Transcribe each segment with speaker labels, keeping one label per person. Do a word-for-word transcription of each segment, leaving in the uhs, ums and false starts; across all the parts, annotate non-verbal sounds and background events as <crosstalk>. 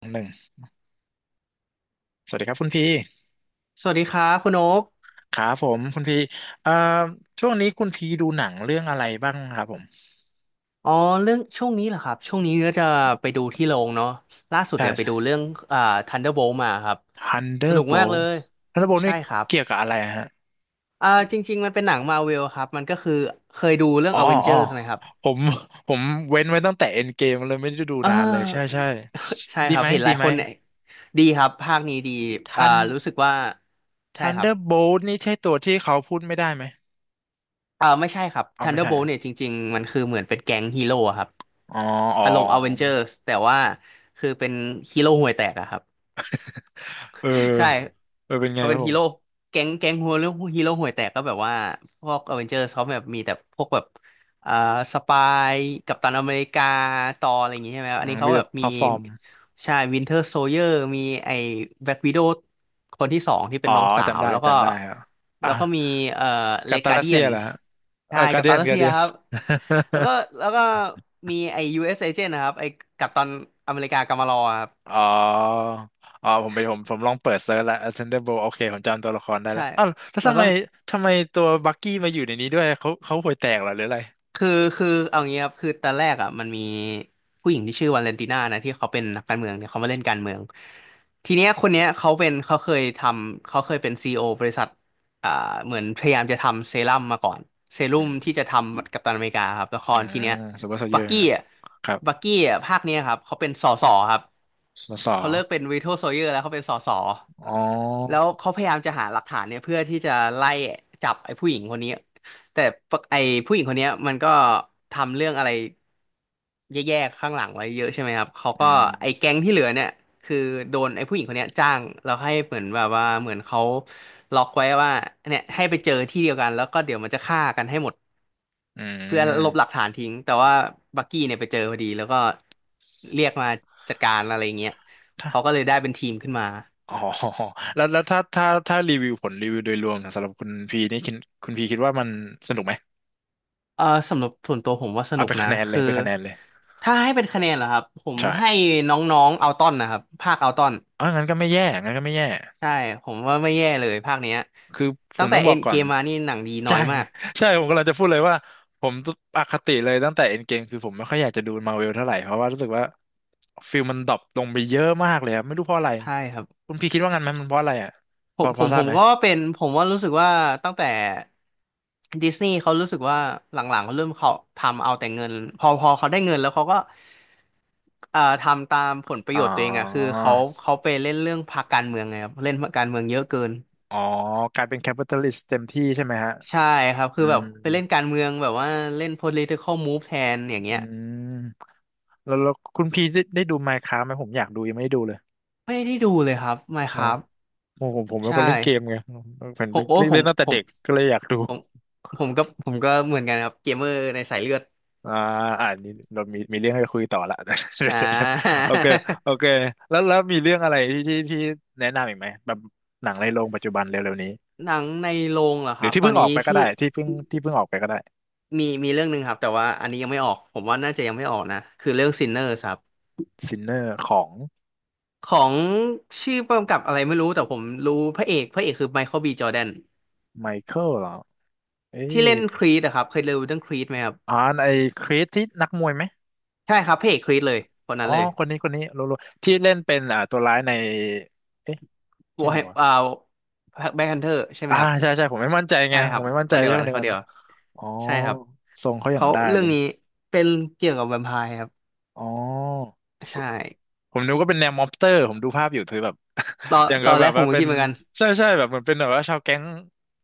Speaker 1: หนึ่งสวัสดีครับคุณพี
Speaker 2: สวัสดีครับคุณโอ๊ก
Speaker 1: ครับผมคุณพีเอ่อช่วงนี้คุณพีดูหนังเรื่องอะไรบ้างครับผม
Speaker 2: อ๋อเรื่องช่วงนี้เหรอครับช่วงนี้ก็จะไปดูที่โรงเนาะล่าสุด
Speaker 1: ใ
Speaker 2: เนี่ยไปดู
Speaker 1: ช่
Speaker 2: เรื่องอ่า Thunderbolt มาครับ
Speaker 1: ฮันเดอ
Speaker 2: ส
Speaker 1: ร์
Speaker 2: นุก
Speaker 1: โบ
Speaker 2: มาก
Speaker 1: ล
Speaker 2: เลย
Speaker 1: ฮันเดอร์โบล
Speaker 2: ใช่
Speaker 1: นี่
Speaker 2: ครับ
Speaker 1: เกี่ยวกับอะไรฮะ
Speaker 2: อ่าจริงๆมันเป็นหนังมาเวลครับมันก็คือเคยดูเรื่อง
Speaker 1: อ๋ออ๋อ
Speaker 2: Avengers ไหมครับ
Speaker 1: ผมผมเว้นไว้ตั้งแต่เอ็นเกมเลยไม่ได้ดู
Speaker 2: เออ
Speaker 1: นานเลยใช่ใช่
Speaker 2: <laughs> ใช่
Speaker 1: ดี
Speaker 2: ครับ
Speaker 1: ไหม
Speaker 2: เห็นห
Speaker 1: ดี
Speaker 2: ลาย
Speaker 1: ไห
Speaker 2: ค
Speaker 1: ม
Speaker 2: นเนี่ยดีครับภาคนี้ดี
Speaker 1: ทั
Speaker 2: อ่า
Speaker 1: น
Speaker 2: รู้สึกว่าใช่
Speaker 1: ทัน
Speaker 2: ค
Speaker 1: เด
Speaker 2: รับ
Speaker 1: อร์โบลนี่ใช่ตัวที่เขาพูดไม่ได้ไหม
Speaker 2: อ่าไม่ใช่ครับ
Speaker 1: อ๋อไม่ใช่เห
Speaker 2: Thunderbolt
Speaker 1: อะ
Speaker 2: เนี่ยจริงๆมันคือเหมือนเป็นแก๊งฮีโร่อะครับ
Speaker 1: อ๋ออ๋
Speaker 2: อารมณ์
Speaker 1: อ
Speaker 2: Avengers แต่ว่าคือเป็นฮีโร่ห่วยแตกอะครับ
Speaker 1: เออ
Speaker 2: ใช่
Speaker 1: เออเป็นไง
Speaker 2: เขา
Speaker 1: ครั
Speaker 2: เป็
Speaker 1: บ
Speaker 2: น
Speaker 1: ผ
Speaker 2: ฮี
Speaker 1: ม
Speaker 2: โร่แก๊งแก๊งหัวเรื่องฮีโร่ห่วยแตกก็แบบว่าพวกอเวนเจอร์เขาแบบมีแต่พวกแบบอ่าสปายกัปตันอเมริกาตอร์อะไรอย่างงี้ใช่ไหมครับ
Speaker 1: อื
Speaker 2: อัน
Speaker 1: ม
Speaker 2: นี้เขา
Speaker 1: มีแต่
Speaker 2: แบบ
Speaker 1: พ
Speaker 2: มี
Speaker 1: ลตฟอร์ม
Speaker 2: ใช่วินเทอร์โซเยอร์มีไอ้แบล็กวิโดว์คนที่สองที่เป็
Speaker 1: อ๋
Speaker 2: น
Speaker 1: อ
Speaker 2: น้องสา
Speaker 1: จำ
Speaker 2: ว
Speaker 1: ได้
Speaker 2: แล้วก็
Speaker 1: จำได้ครับ
Speaker 2: แล้วก็มีเอ่อเล
Speaker 1: กัตตา
Speaker 2: กา
Speaker 1: ลัส
Speaker 2: เดี
Speaker 1: เซี
Speaker 2: ย
Speaker 1: ย
Speaker 2: น
Speaker 1: เหรอฮะเอ
Speaker 2: ใช่
Speaker 1: อกา
Speaker 2: กัป
Speaker 1: เดี
Speaker 2: ตั
Speaker 1: ย
Speaker 2: น
Speaker 1: น
Speaker 2: รัส
Speaker 1: กา
Speaker 2: เซีย
Speaker 1: เดียน
Speaker 2: ครับแล้วก็แล้วก็มีไอ้ ยู เอส Agent นะครับไอ้กัปตันอเมริกากามารอครับ
Speaker 1: <laughs> อ๋ออ๋อผมไปผมผมลองเปิดเซิร์ชแล้ว Ascendable โอเคผมจำตัวละครได้แล้
Speaker 2: ใช่
Speaker 1: วอ้าวแล้ว
Speaker 2: แล้ว
Speaker 1: ทำไม
Speaker 2: ก็
Speaker 1: ทำไมตัวบักกี้มาอยู่ในนี้ด้วยเขาเขาห่วยแตกเหรอหรืออะไร
Speaker 2: คือคือเอางี้ครับคือตอนแรกอ่ะมันมีผู้หญิงที่ชื่อวาเลนติน่านะที่เขาเป็นนักการเมืองเนี่ยเขามาเล่นการเมืองทีเนี้ยคนเนี้ยเขาเป็นเขาเคยทำเขาเคยเป็นซีอีโอบริษัทอ่าเหมือนพยายามจะทำเซรั่มมาก่อนเซรั่
Speaker 1: อื
Speaker 2: มที่
Speaker 1: ม
Speaker 2: จะทำกัปตันอเมริกาครับละค
Speaker 1: อื
Speaker 2: รที
Speaker 1: ม
Speaker 2: เนี้ย
Speaker 1: ซูเปอร์โซลเจ
Speaker 2: บั
Speaker 1: อ
Speaker 2: ก
Speaker 1: ร์
Speaker 2: กี้อ่ะ
Speaker 1: ครับ
Speaker 2: บักกี้อ่ะภาคเนี้ยครับเขาเป็นสสครับ
Speaker 1: สส
Speaker 2: เขาเลิกเป็นวีโ o โซเยอร์แล้วเขาเป็นสส
Speaker 1: อ๋
Speaker 2: แล้ว
Speaker 1: อ
Speaker 2: เขาพยายามจะหาหลักฐานเนี่ยเพื่อที่จะไล่จับไอ้ผู้หญิงคนนี้แต่ปะไอ้ผู้หญิงคนเนี้ยมันก็ทำเรื่องอะไรแย่ๆข้างหลังไว้เยอะใช่ไหมครับเขา
Speaker 1: อื
Speaker 2: ก็
Speaker 1: ม
Speaker 2: ไอ้แก๊งที่เหลือเนี่ยคือโดนไอ้ผู้หญิงคนเนี้ยจ้างแล้วให้เหมือนแบบว่าเหมือนเขาล็อกไว้ว่าเนี่ยให้ไปเจอที่เดียวกันแล้วก็เดี๋ยวมันจะฆ่ากันให้หมด
Speaker 1: อื
Speaker 2: เพื่อลบหลัก
Speaker 1: ม
Speaker 2: ฐานทิ้งแต่ว่าบักกี้เนี่ยไปเจอพอดีแล้วก็เรียกมาจัดการอะไรอย่างเงี้ย
Speaker 1: ถ้า
Speaker 2: เขาก็เลยได้เป็นทีมขึ้นมา
Speaker 1: อ๋อ <laughs> แล้วแล้วถ้าถ้าถ้ารีวิวผลรีวิวโดยรวมสำหรับคุณพีนี่คิดคุณพีคิดว่ามันสนุกไหม
Speaker 2: เออสำหรับส่วนตัวผมว่าส
Speaker 1: เอา
Speaker 2: นุก
Speaker 1: เป็น
Speaker 2: นะ
Speaker 1: คะแนนเลย
Speaker 2: คือ
Speaker 1: เป็นคะแนนเลย
Speaker 2: ถ้าให้เป็นคะแนนเหรอครับผม
Speaker 1: ใช่
Speaker 2: ให้น้องๆเอาต้อนนะครับภาคเอาต้อน
Speaker 1: เอองั้นก็ไม่แย่ งั้นก็ไม่แย่
Speaker 2: ใช่ผมว่าไม่แย่เลยภาคเนี้ย
Speaker 1: คือผ
Speaker 2: ตั้
Speaker 1: ม
Speaker 2: งแต่
Speaker 1: ต้องบ
Speaker 2: เอ็
Speaker 1: อก
Speaker 2: น
Speaker 1: ก่อ
Speaker 2: เก
Speaker 1: น
Speaker 2: มมานี่หนังดีน้อ
Speaker 1: ใช่
Speaker 2: ยมาก
Speaker 1: <laughs> ใช่ ผมกำลังจะพูดเลยว่าผมอคติเลยตั้งแต่เอ็นเกมคือผมไม่ค่อยอยากจะดูมาร์เวลเท่าไหร่ เพราะว่ารู้สึกว่าฟิลมันดรอปลงไปเยอะมากเลยครับ ไม่รู้เพราะอะไร
Speaker 2: ใช่ครับ
Speaker 1: คุณพี่คิดว่างั้นไหมมันเพราะอะไรอ่ะ
Speaker 2: ผ
Speaker 1: พอ
Speaker 2: มผ
Speaker 1: พอ
Speaker 2: ม
Speaker 1: ท
Speaker 2: ผ
Speaker 1: ราบ
Speaker 2: ม
Speaker 1: ไหม
Speaker 2: ก็เป็นผมว่ารู้สึกว่าตั้งแต่ดิสนีย์เขารู้สึกว่าหลังๆเขาเริ่มเขาทำเอาแต่เงินพอพอเขาได้เงินแล้วเขาก็เอ่อทำตามผลประ
Speaker 1: อ๋อ
Speaker 2: โยชน์ตัวเองอะคือเขาเขาไปเล่นเรื่องพรรคการเมืองไงครับเล่นพรรคการเมืองเยอะเกิน
Speaker 1: อ๋อกลายเป็นแคปิตอลิสต์เต็มที่ใช่ไหมฮะ
Speaker 2: ใช่ครับคื
Speaker 1: อื
Speaker 2: อแบบ
Speaker 1: ม
Speaker 2: ไปเล่นการเมืองแบบว่าเล่น political move แทนอย่าง
Speaker 1: อื
Speaker 2: เงี้ย
Speaker 1: มแล้วแล้วคุณพี่ได้ได้ดู Minecraft ไหมผมอยากดูยังไม่ได้ดูเลย
Speaker 2: ไม่ได้ดูเลยครับ
Speaker 1: อ๋อ
Speaker 2: Minecraft
Speaker 1: ผมผมผมเป็น
Speaker 2: ใช่
Speaker 1: คนเล่นเกมไงผมเป็น
Speaker 2: ผมโอ้
Speaker 1: เล่น
Speaker 2: ผ
Speaker 1: เล่
Speaker 2: ม
Speaker 1: นตั้งแต่
Speaker 2: ผ
Speaker 1: เด็
Speaker 2: ม
Speaker 1: กก็เลยอยากดู
Speaker 2: ผมผมก็ผมก็เหมือนกันครับเกมเมอร์ในสายเลือด
Speaker 1: อ่าอ่านนี้เรามีมีเรื่องให้คุยต่อละ
Speaker 2: อ่า
Speaker 1: <laughs> โอเคโอเคแล้วแล้วมีเรื่องอะไรที่ที่ที่แนะนำอีกไหมแบบหนังในโรงปัจจุบันเร็วๆนี้
Speaker 2: <laughs> หนังในโรงเหรอ
Speaker 1: ห
Speaker 2: ค
Speaker 1: รื
Speaker 2: รั
Speaker 1: อ
Speaker 2: บ
Speaker 1: ที่
Speaker 2: ตอ
Speaker 1: เพิ่
Speaker 2: น
Speaker 1: งอ
Speaker 2: นี้
Speaker 1: อกไปก็
Speaker 2: ที่
Speaker 1: ได้ที่เพิ่งที่เพิ่งออกไปก็ได้
Speaker 2: มีมีเรื่องหนึ่งครับแต่ว่าอันนี้ยังไม่ออกผมว่าน่าจะยังไม่ออกนะคือเรื่อง Sinners ครับ
Speaker 1: ซินเนอร์ของ
Speaker 2: ของชื่อกำกับอะไรไม่รู้แต่ผมรู้พระเอกพระเอกคือไมเคิลบีจอร์แดน
Speaker 1: ไมเคิลเหรอเอ๊
Speaker 2: ที่เล่
Speaker 1: ย
Speaker 2: นครีดอะครับเคยดูเรื่องครีดไหมครับ
Speaker 1: อ่านไอ้คริสที่นักมวยไหม
Speaker 2: ใช่ครับพระเอกครีดเลยคนนั้
Speaker 1: อ๋อ
Speaker 2: นเลย
Speaker 1: คนนี้คนนี้รู้รู้ที่เล่นเป็นอ่าตัวร้ายในเอ๊ะ
Speaker 2: ว
Speaker 1: ใช่
Speaker 2: อร์
Speaker 1: ไหม
Speaker 2: แฮม
Speaker 1: วะ
Speaker 2: อ่าแบ็คฮันเตอร์ใช่ไหม
Speaker 1: อ่า
Speaker 2: ครับ
Speaker 1: ใช่ใช่ผมไม่มั่นใจไง
Speaker 2: ใช่ค
Speaker 1: ผ
Speaker 2: รั
Speaker 1: ม
Speaker 2: บ
Speaker 1: ไม่มั่น
Speaker 2: ค
Speaker 1: ใจ
Speaker 2: นเดีย
Speaker 1: ใช่
Speaker 2: ว
Speaker 1: ค
Speaker 2: กัน
Speaker 1: นเดีย
Speaker 2: ค
Speaker 1: ว
Speaker 2: น
Speaker 1: กัน
Speaker 2: เดียว
Speaker 1: อะอ๋อ
Speaker 2: ใช่ครับ
Speaker 1: ทรงเขาอย่าง
Speaker 2: เขา
Speaker 1: ได้
Speaker 2: เรื่อ
Speaker 1: เล
Speaker 2: ง
Speaker 1: ย
Speaker 2: นี้เป็นเกี่ยวกับแวมไพร์ครับ
Speaker 1: อ๋อ
Speaker 2: ใช่
Speaker 1: ผมนึกว่าเป็นแนวม็อบสเตอร์ผมดูภาพอยู่คือแบบ
Speaker 2: ตอน
Speaker 1: <laughs> อย่าง
Speaker 2: ต
Speaker 1: กั
Speaker 2: อ
Speaker 1: บ
Speaker 2: น
Speaker 1: แบ
Speaker 2: แรก
Speaker 1: บ
Speaker 2: ผ
Speaker 1: ว่า
Speaker 2: มก็
Speaker 1: เป็
Speaker 2: คิ
Speaker 1: น
Speaker 2: ดเหมือนกัน
Speaker 1: ใช่ใช่แบบเหมือนเป็นแบบว่าชาวแก๊ง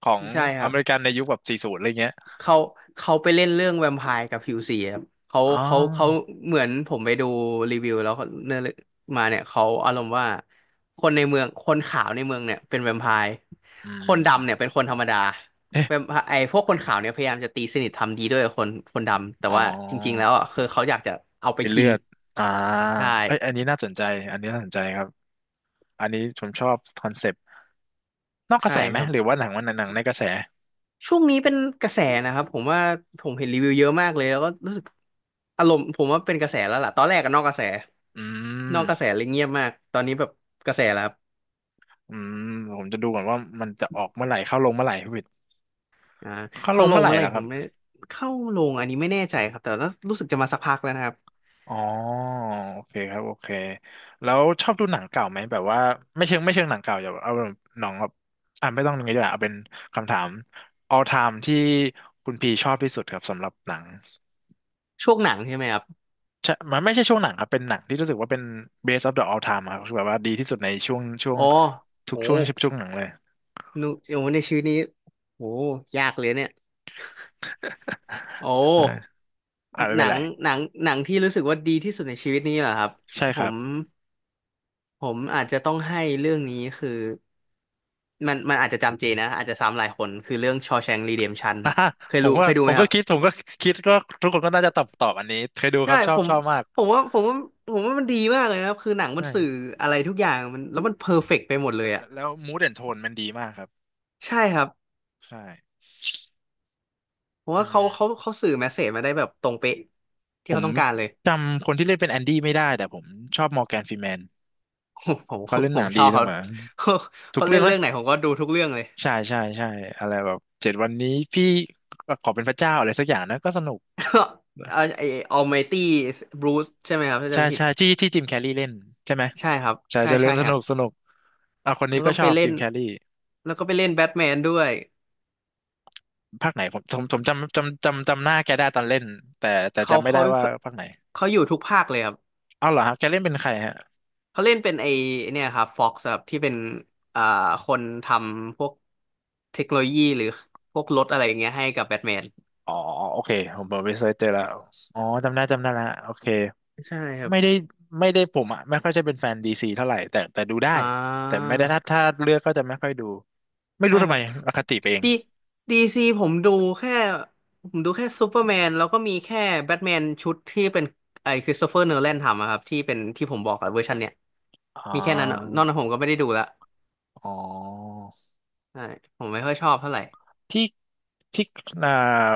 Speaker 1: ของ
Speaker 2: ใช่ค
Speaker 1: อ
Speaker 2: รับ
Speaker 1: เมริกันในยุคแบบสี่ศูนย์อะไรเงี้ย
Speaker 2: เขาเขาไปเล่นเรื่องแวมไพร์กับผิวสีครับเขา
Speaker 1: อ๋
Speaker 2: เขาเขา
Speaker 1: อ
Speaker 2: เหมือนผมไปดูรีวิวแล้วเขานื้อเรื่องมาเนี่ยเขาอารมณ์ว่าคนในเมืองคนขาวในเมืองเนี่ยเป็นแวมไพร์
Speaker 1: อื
Speaker 2: คนดำเนี่ย
Speaker 1: ม
Speaker 2: เป็นคนธรรมดา
Speaker 1: เอ๊ะ
Speaker 2: แวมไพร์ไอ้พวกคนขาวเนี่ยพยายามจะตีสนิททำดีด้วยกับคนคนดำแต่
Speaker 1: อ๋
Speaker 2: ว่าจริงๆแล้
Speaker 1: อ
Speaker 2: วอ่ะคือเขาอยากจะเอาไป
Speaker 1: เป็นเลื
Speaker 2: กิน
Speaker 1: อดอ่า
Speaker 2: ได้
Speaker 1: เอ้ยอันนี้น่าสนใจอันนี้น่าสนใจครับอันนี้ผมชอบคอนเซปต์นอกกระ
Speaker 2: ใช่
Speaker 1: แสไห
Speaker 2: ค
Speaker 1: ม
Speaker 2: รับ
Speaker 1: หรือว่าหนังวันหนังในกระแส
Speaker 2: ช่วงนี้เป็นกระแสนะครับผมว่าผมเห็นรีวิวเยอะมากเลยแล้วก็รู้สึกอารมณ์ผมว่าเป็นกระแสแล้วล่ะตอนแรกก็นอกกระแส
Speaker 1: อื
Speaker 2: นอ
Speaker 1: ม
Speaker 2: กกระแสเลยเงียบมากตอนนี้แบบกระแสแล้วครับ
Speaker 1: อืมผมจะดูก่อนว่ามันจะออกเมื่อไหร่เข้าลงเมื่อไหร่พี่วิทย์
Speaker 2: อ่า
Speaker 1: เข้าล
Speaker 2: เข้า
Speaker 1: ง
Speaker 2: ล
Speaker 1: เมื่
Speaker 2: ง
Speaker 1: อไหร่
Speaker 2: เมื่อไห
Speaker 1: เหร
Speaker 2: ร่
Speaker 1: อค
Speaker 2: ผ
Speaker 1: รับ
Speaker 2: มไม่เข้าลงอันนี้ไม่แน่ใจครับแต่ว่ารู้สึกจะมาสักพักแล้วนะครับ
Speaker 1: อ๋อโอเคครับโอเคแล้วชอบดูหนังเก่าไหมแบบว่าไม่เชิงไม่เชิงหนังเก่าอย่าเอาแบบหนังแบบอ่ะไม่ต้องอย่างนี้ดีกว่าเอาเป็นคำถาม all time ที่คุณพีชอบที่สุดครับสำหรับหนัง
Speaker 2: ช่วงหนังใช่ไหมครับ
Speaker 1: ใช่มันไม่ใช่ช่วงหนังครับเป็นหนังที่รู้สึกว่าเป็น best of the all time ครับคือแบบว่าดีที่สุดในช่วงช่วง
Speaker 2: อ๋อ
Speaker 1: ทุ
Speaker 2: โห
Speaker 1: กช่วงช่วงหนังเลย
Speaker 2: นูโอ้ในชีวิตนี้โหยากเลยเนี่ยโอ้
Speaker 1: <laughs> อาอ่าไม่
Speaker 2: ห
Speaker 1: เป็
Speaker 2: นั
Speaker 1: นไร
Speaker 2: งหนังหนังที่รู้สึกว่าดีที่สุดในชีวิตนี้เหรอครับ
Speaker 1: ใช่ค
Speaker 2: ผ
Speaker 1: รับ
Speaker 2: มผมอาจจะต้องให้เรื่องนี้คือ มันมันอาจจะจำเจนะอาจจะซ้ำหลายคนคือเรื่อง Shawshank Redemption
Speaker 1: <laughs>
Speaker 2: ค
Speaker 1: อ่ะ
Speaker 2: รับเคย
Speaker 1: ผม
Speaker 2: รู้
Speaker 1: ก็
Speaker 2: เคยดู
Speaker 1: ผ
Speaker 2: ไหม
Speaker 1: ม
Speaker 2: ค
Speaker 1: ก็
Speaker 2: รับ
Speaker 1: คิดผมก็คิดก็ทุกคนก็น่าจะตอบตอบอันนี้เคยดูค
Speaker 2: ใช่
Speaker 1: รับชอ
Speaker 2: ผ
Speaker 1: บ
Speaker 2: ม
Speaker 1: ชอบมาก
Speaker 2: ผมว่าผมว่าผมว่ามันดีมากเลยนะครับคือหนังมันสื่อ
Speaker 1: ใช่
Speaker 2: อะไรทุกอย่างมันแล้วมันเพอร์เฟกต์ไปหมดเลยอ่ะ
Speaker 1: แล้วมูดแอนโทนมันดีมากครับ
Speaker 2: ใช่ครับ
Speaker 1: ใช่
Speaker 2: ผม
Speaker 1: อื
Speaker 2: ว่าเขาเขา
Speaker 1: ม
Speaker 2: เขาสื่อแมสเสจมาได้แบบตรงเป๊ะ
Speaker 1: ผ
Speaker 2: ที่
Speaker 1: ม
Speaker 2: เขาต้องการเลย
Speaker 1: จำคนที่เล่นเป็นแอนดี้ไม่ได้แต่ผมชอบมอร์แกนฟรีแมน
Speaker 2: <laughs> ผมผ
Speaker 1: เขา
Speaker 2: ม
Speaker 1: เล่น
Speaker 2: ผ
Speaker 1: หนั
Speaker 2: ม
Speaker 1: ง
Speaker 2: ช
Speaker 1: ดี
Speaker 2: อบ
Speaker 1: เส
Speaker 2: เขา
Speaker 1: มอ
Speaker 2: <laughs> เขา
Speaker 1: ทุก
Speaker 2: เขาเล่
Speaker 1: เรื่อง
Speaker 2: นเรื่
Speaker 1: นะ
Speaker 2: องไหนผมก็ดูทุกเรื่องเลย
Speaker 1: ใช่ใช่ใช่อะไรแบบเจ็ดวันนี้พี่ขอเป็นพระเจ้าอะไรสักอย่างนะก็สนุก
Speaker 2: <laughs> เอ่อไอ Almighty Bruce ใช่ไหมครับถ้าจำ
Speaker 1: ใช่
Speaker 2: ไม่ผิด
Speaker 1: ใช่ที่ที่จิมแคร์รีเล่นใช่ไหม
Speaker 2: ใช่ครับ
Speaker 1: ใช่
Speaker 2: ใช่
Speaker 1: ใช่เรื่
Speaker 2: ใช่
Speaker 1: องส
Speaker 2: ครั
Speaker 1: นุ
Speaker 2: บ
Speaker 1: กสนุกอ่ะคน
Speaker 2: แล้
Speaker 1: นี้
Speaker 2: ว
Speaker 1: ก็
Speaker 2: ก็
Speaker 1: ช
Speaker 2: ไป
Speaker 1: อบ
Speaker 2: เล่
Speaker 1: จิ
Speaker 2: น
Speaker 1: มแคร์รี
Speaker 2: แล้วก็ไปเล่นแบทแมนด้วย
Speaker 1: ภาคไหนผมผมผมจำจำจำจำหน้าแกได้ตอนเล่นแต่แต่
Speaker 2: เขา
Speaker 1: จำไม่ได้
Speaker 2: เขา
Speaker 1: ว่า
Speaker 2: เขา
Speaker 1: ภาคไหน
Speaker 2: เขาอยู่ทุกภาคเลยครับ
Speaker 1: เอาเหรอฮะแกเล่นเป็นใครฮะ
Speaker 2: เขาเล่นเป็นไอเนี่ยครับฟ็อกซ์ครับที่เป็นอ่าคนทำพวกเทคโนโลยีหรือพวกรถอะไรอย่างเงี้ยให้กับแบทแมน
Speaker 1: อ๋อโอเคผมผมไปเซิร์ชเจอแล้วอ๋อจำได้จำได้ละโอเค
Speaker 2: ใช่ครับ
Speaker 1: ไม่ได้ไม่ได้ผมอ่ะไม่ค่อยจะเป็นแฟนดีซีเท่าไหร่แต่แต่ดูได้
Speaker 2: อ่
Speaker 1: แต่
Speaker 2: า
Speaker 1: ไม่ได้ถ้าถ้าเลือกก็จะไม่ค่อยดูไม่รู้
Speaker 2: ใช่
Speaker 1: ทำ
Speaker 2: ครั
Speaker 1: ไม
Speaker 2: บ
Speaker 1: อคติไปเอง
Speaker 2: ดีดีซีผมดูแค่ผมดูแค่ซูเปอร์แมนแล้วก็มีแค่แบทแมนชุดที่เป็นไอคริสโตเฟอร์โนแลนทำอะครับที่เป็นที่ผมบอกอะเวอร์ชันเนี้ย
Speaker 1: อ๋อ
Speaker 2: มีแค่นั้นอะนอกนั้นผมก็ไม่ได้ดูละ
Speaker 1: อ๋อ
Speaker 2: ใช่ผมไม่ค่อยชอบเท่าไหร่
Speaker 1: ที่ที่อ่า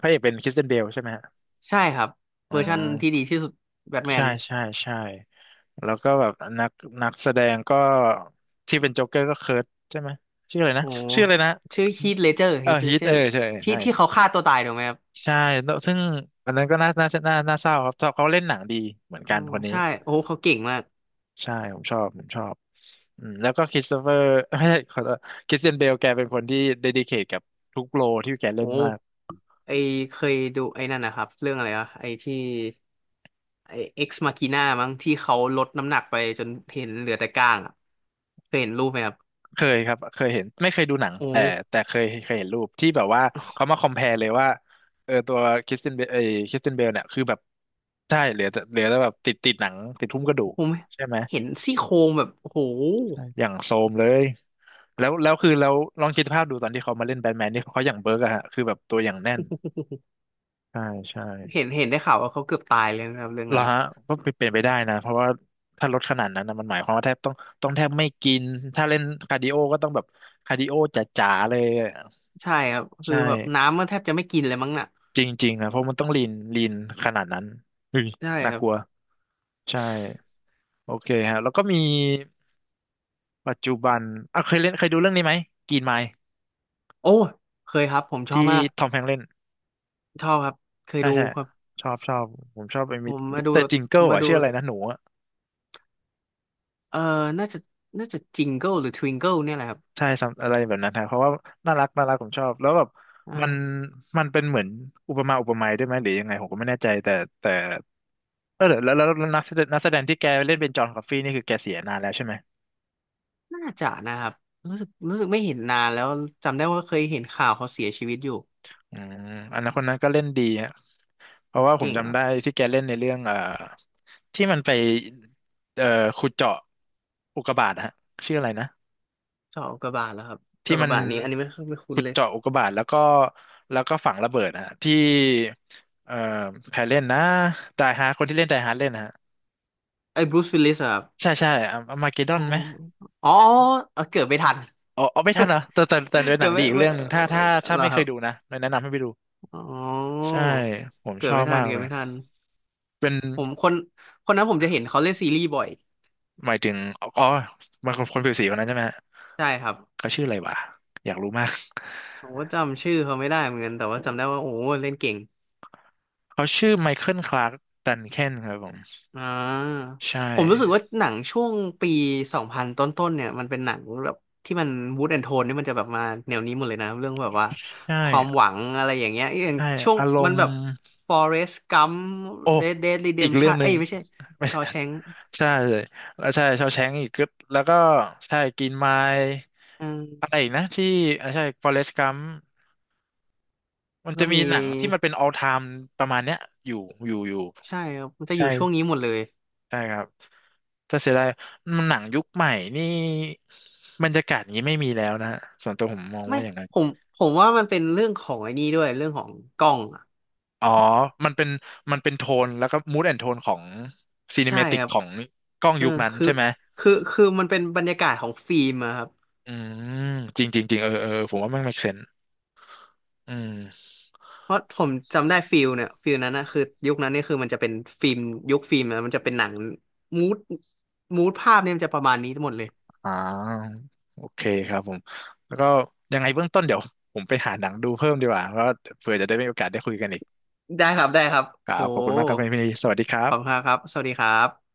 Speaker 1: พระเอกเป็นคริสเตียนเบลใช่ไหมฮะ
Speaker 2: ใช่ครับ
Speaker 1: อื
Speaker 2: เวอร์ชั่นที่ดี
Speaker 1: ม
Speaker 2: ที่สุดแบทแม
Speaker 1: ใช่
Speaker 2: น
Speaker 1: ใช่ใช่แล้วก็แบบนักนักแสดงก็ที่เป็นโจ๊กเกอร์ก็เคิร์ทใช่ไหมชื่ออะไรนะ
Speaker 2: โอ้
Speaker 1: ชื่ออะไรนะ
Speaker 2: ชื่อฮีทเลเจอร์
Speaker 1: เอ
Speaker 2: ฮี
Speaker 1: อ
Speaker 2: ทเล
Speaker 1: ฮีท
Speaker 2: เจอ
Speaker 1: เออ
Speaker 2: ร์
Speaker 1: ใช่
Speaker 2: ที่
Speaker 1: ใช่
Speaker 2: ที่เขาฆ่าตัวตายถูกไหมครับ
Speaker 1: ใช่แล้วซึ่งอันนั้นก็น่าน่าน่าน่าเศร้าครับเขาเล่นหนังดีเหมือน
Speaker 2: อ๋
Speaker 1: กั
Speaker 2: อ
Speaker 1: นคนนี้
Speaker 2: ใช่โอ้เขาเก่งมาก
Speaker 1: ใช่ ผมชอบ ผมชอบอืมแล้วก็คริสโตเฟอร์ <laughs> ไม่ใช่ขอโทษคริสเตียนเบลแกเป็นคนที่เดดิเคทกับทุกโรลที่แกเล่
Speaker 2: โอ้
Speaker 1: นมาก
Speaker 2: ไอเคยดูไอ้นั่นนะครับเรื่องอะไรอะไอที่ไอเอ็กซ์มาคีน่ามั้งที่เขาลดน้ำหนักไปจนเห็นเหลือแต่ก้างอะเคยเห็นรูปไหมครับ
Speaker 1: เคยครับ เคยเห็น ไม่เคยดูหนัง
Speaker 2: โอ้
Speaker 1: แต่แต่เคยเคยเห็นรูปที่แบบว่าเขามาคอม พี พี อาร์ อี เลยว่าเออตัวคริสเตียนเบลเอคริสเตียนเบลเนี่ยคือแบบใช่เหลือแต่เหลือแต่แบบติดติดหนังติดหุ้มกระดูก
Speaker 2: ผม
Speaker 1: ใช่ไหม
Speaker 2: เห็นซี่โครงแบบโอ้โห
Speaker 1: ใช่อย่างโซมเลย แล้วแล้วคือแล้วลองคิดภาพดูตอนที่เขามาเล่นแบทแมนนี่เขาอย่างเบิร์กอะฮะคือแบบตัวอย่างแน่นใช่ใช่
Speaker 2: เห็นเห็นได้ข่าวว่าเขาเกือบตายเลยนะครับเรื่อง
Speaker 1: เหร
Speaker 2: นั้
Speaker 1: อ
Speaker 2: นนะ
Speaker 1: ฮะก็เป็นไปได้นะเพราะว่าถ้าลดขนาดนั้นนะมันหมายความว่าแทบต้องต้องแทบไม่กินถ้าเล่นคาร์ดิโอก็ต้องแบบคาร์ดิโอจ๋าๆเลยอะ
Speaker 2: ใช่ครับ
Speaker 1: ใช
Speaker 2: คือแบบ
Speaker 1: ่
Speaker 2: น้ำมันแทบจะไม่กินเลยมั้งน่ะ
Speaker 1: จริงๆนะเพราะมันต้องลีนลีนขนาดนั้นเฮ้ย
Speaker 2: ใช่
Speaker 1: น่า
Speaker 2: ครั
Speaker 1: ก
Speaker 2: บ
Speaker 1: ลัวใช่โอเคฮะแล้วก็มีปัจจุบันอ่ะเคยเล่นเคยดูเรื่องนี้ไหมกรีนไมล์
Speaker 2: โอ้เคยครับผมชอ
Speaker 1: ที่
Speaker 2: บมาก
Speaker 1: ทอมแฮงค์เล่น
Speaker 2: ชอบครับเคย
Speaker 1: ใช่
Speaker 2: ดู
Speaker 1: ใช่
Speaker 2: ครับ
Speaker 1: ชอบชอบผมชอบไอ้
Speaker 2: ผ
Speaker 1: มิส
Speaker 2: ม
Speaker 1: มิ
Speaker 2: มา
Speaker 1: ส
Speaker 2: ดู
Speaker 1: เตอร์จิงเกิล
Speaker 2: มา
Speaker 1: อ่ะ
Speaker 2: ดู
Speaker 1: ชื่ออะไรนะหนูอะ
Speaker 2: เออน่าจะน่าจะจิงเกิลหรือทวิงเกิลเนี่ยแหละครับ
Speaker 1: ใช่ ซัม อะไรแบบนั้นฮะเพราะว่าน่ารักน่ารักผมชอบแล้วแบบมัน
Speaker 2: อ่า
Speaker 1: มันเป็นเหมือนอุปมาอุปไมยด้วยไหมหรือยังไงผมก็ไม่แน่ใจแต่แต่เออแล้วแล้วแล้วแล้วนักแสดงนักแสดงที่แกเล่นเป็นจอห์นคอฟฟี่นี่คือแกเสียนานแล้วใช่ไหม
Speaker 2: น่าจะนะครับรู้สึกรู้สึกไม่เห็นนานแล้วจำได้ว่าเคยเห็นข่าวเขาเสียชีวิตอยู่
Speaker 1: อืมอันนั้นคนนั้นก็เล่นดีฮะเพ
Speaker 2: โอ้
Speaker 1: ราะว่าผม
Speaker 2: เก่งค
Speaker 1: จำ
Speaker 2: รับ
Speaker 1: ได้ที่แกเล่นในเรื่องเอ่อที่มันไปเอ่อขุดเจาะอุกกาบาตฮะชื่ออะไรนะ
Speaker 2: เจาะอุกกาบาตแล้วครับ
Speaker 1: ที่
Speaker 2: เจาะอุก
Speaker 1: มั
Speaker 2: กา
Speaker 1: น
Speaker 2: บาตนี้อันนี้ไม่ไม่คุ้น
Speaker 1: ขุด
Speaker 2: เลย
Speaker 1: เจาะอุกกาบาตแล้วก็แล้วก็ฝังระเบิดนะฮะที่เอ่อใครเล่นนะไดฮาร์คนที่เล่นไดฮาร์เล่นนะฮะ
Speaker 2: ไอ้บรูซวิลลิสครับ
Speaker 1: ใช่ใช่อะอะมาเกดดอ
Speaker 2: อ๋
Speaker 1: น
Speaker 2: อ
Speaker 1: ไหม
Speaker 2: อ๋อเออเกิดไม่ทัน
Speaker 1: อ๋ออ๋อไม่ทันเหรอแต่แต่แต่เป็
Speaker 2: <laughs>
Speaker 1: นห
Speaker 2: เกิ
Speaker 1: นั
Speaker 2: ด
Speaker 1: งดี
Speaker 2: ไม่
Speaker 1: อีก
Speaker 2: ไม่
Speaker 1: เรื่องห
Speaker 2: เอ
Speaker 1: นึ่งถ้าถ้า
Speaker 2: อ
Speaker 1: ถ้า
Speaker 2: เหรอ
Speaker 1: ไม่
Speaker 2: ค
Speaker 1: เค
Speaker 2: รั
Speaker 1: ย
Speaker 2: บ
Speaker 1: ดูนะแนะนำให้ไปดู
Speaker 2: อ๋อ
Speaker 1: ใช่ผม
Speaker 2: เกิ
Speaker 1: ช
Speaker 2: ด
Speaker 1: อ
Speaker 2: ไม่
Speaker 1: บ
Speaker 2: ทัน
Speaker 1: มาก
Speaker 2: เกิ
Speaker 1: เล
Speaker 2: ด
Speaker 1: ย
Speaker 2: ไม่ทัน
Speaker 1: เป็น
Speaker 2: ผมคนคนนั้นผมจะเห็นเขาเล่นซีรีส์บ่อย
Speaker 1: หมายถึงอ๋อมันคนคนผิวสีคนนั้นใช่ไหมฮะ
Speaker 2: ใช่ครับ
Speaker 1: เขาชื่ออะไรวะอยากรู้มาก
Speaker 2: ผมก็จำชื่อเขาไม่ได้เหมือนกันแต่ว่าจำได้ว่าโอ้เล่นเก่ง
Speaker 1: เขาชื่อไมเคิลคลาร์กดันเคนครับผม
Speaker 2: อ่า
Speaker 1: ใช่
Speaker 2: ผมรู้สึกว่าหนังช่วงปีสองพันต้นๆเนี่ยมันเป็นหนังแบบที่มันมูดแอนโทนนี่มันจะแบบมาแนวนี้หมดเลยนะเรื่องแบบว่า
Speaker 1: ใช่
Speaker 2: ความหวังอะไรอย่างเงี้ยอย่าง
Speaker 1: ใช่
Speaker 2: ช่วง
Speaker 1: อาร
Speaker 2: มัน
Speaker 1: มณ์
Speaker 2: แบบ Forrest Gump
Speaker 1: โอ้
Speaker 2: Red Dead
Speaker 1: อีกเรื่อง
Speaker 2: Redemption
Speaker 1: ห
Speaker 2: เอ้
Speaker 1: นึ่
Speaker 2: ย
Speaker 1: ง
Speaker 2: ไม่ใช่ Shawshank
Speaker 1: <laughs> ใช่เลยแล้วใช่ชาวแชงอีกก็แล้วก็ใช่กินไมล์
Speaker 2: อื
Speaker 1: อะไร
Speaker 2: ม
Speaker 1: อีกนะที่อ่าใช่ฟอเรสต์กัมมัน
Speaker 2: ก็
Speaker 1: จะมี
Speaker 2: มี
Speaker 1: หนังที่มันเป็น ออลไทม์ ประมาณเนี้ยอยู่อยู่อยู่
Speaker 2: ใช่ครับมันจะอ
Speaker 1: ใช่
Speaker 2: ยู่ช่วงนี้หมดเลย
Speaker 1: ใช่ครับถ้าเสียดายมันหนังยุคใหม่นี่บรรยากาศอย่างนี้ไม่มีแล้วนะฮะส่วนตัวผมมอง
Speaker 2: ไม่
Speaker 1: ว่าอย่างนั้น
Speaker 2: ผมผมว่ามันเป็นเรื่องของไอ้นี่ด้วยเรื่องของกล้องอ่ะ
Speaker 1: อ๋อมันเป็นมันเป็นโทนแล้วก็ มูด แอนด์ โทน ของ
Speaker 2: ใช่
Speaker 1: ซีเนมาติก
Speaker 2: ครับ
Speaker 1: ของกล้อง
Speaker 2: เออ
Speaker 1: ยุคนั้น
Speaker 2: คือ
Speaker 1: ใช่ไหม
Speaker 2: คือคือมันเป็นบรรยากาศของฟิล์มอะครับ
Speaker 1: อืมจริงจริงจริงเออเออผมว่ามัน เมคเซนส์ อืม
Speaker 2: เพราะผมจำได้ฟิลเนี่ยฟิลนั้นนะคือยุคนั้นเนี่ยคือมันจะเป็นฟิล์มยุคฟิล์มนะมันจะเป็นหนังมูดมูดภาพเนี่ยมันจะประมาณนี้ทั้งหมดเลย
Speaker 1: อ่าโอเคครับผมแล้วก็ยังไงเบื้องต้นเดี๋ยวผมไปหาหนังดูเพิ่มดีกว่าเพราะว่าเผื่อจะได้มีโอกาสได้คุยกันอีก
Speaker 2: ได้ครับได้ครับ
Speaker 1: ครั
Speaker 2: โห
Speaker 1: บขอบคุณมากครับพี่พี่สวัสดีครั
Speaker 2: ขอบคุณ
Speaker 1: บ
Speaker 2: ครับสวัสดีครับ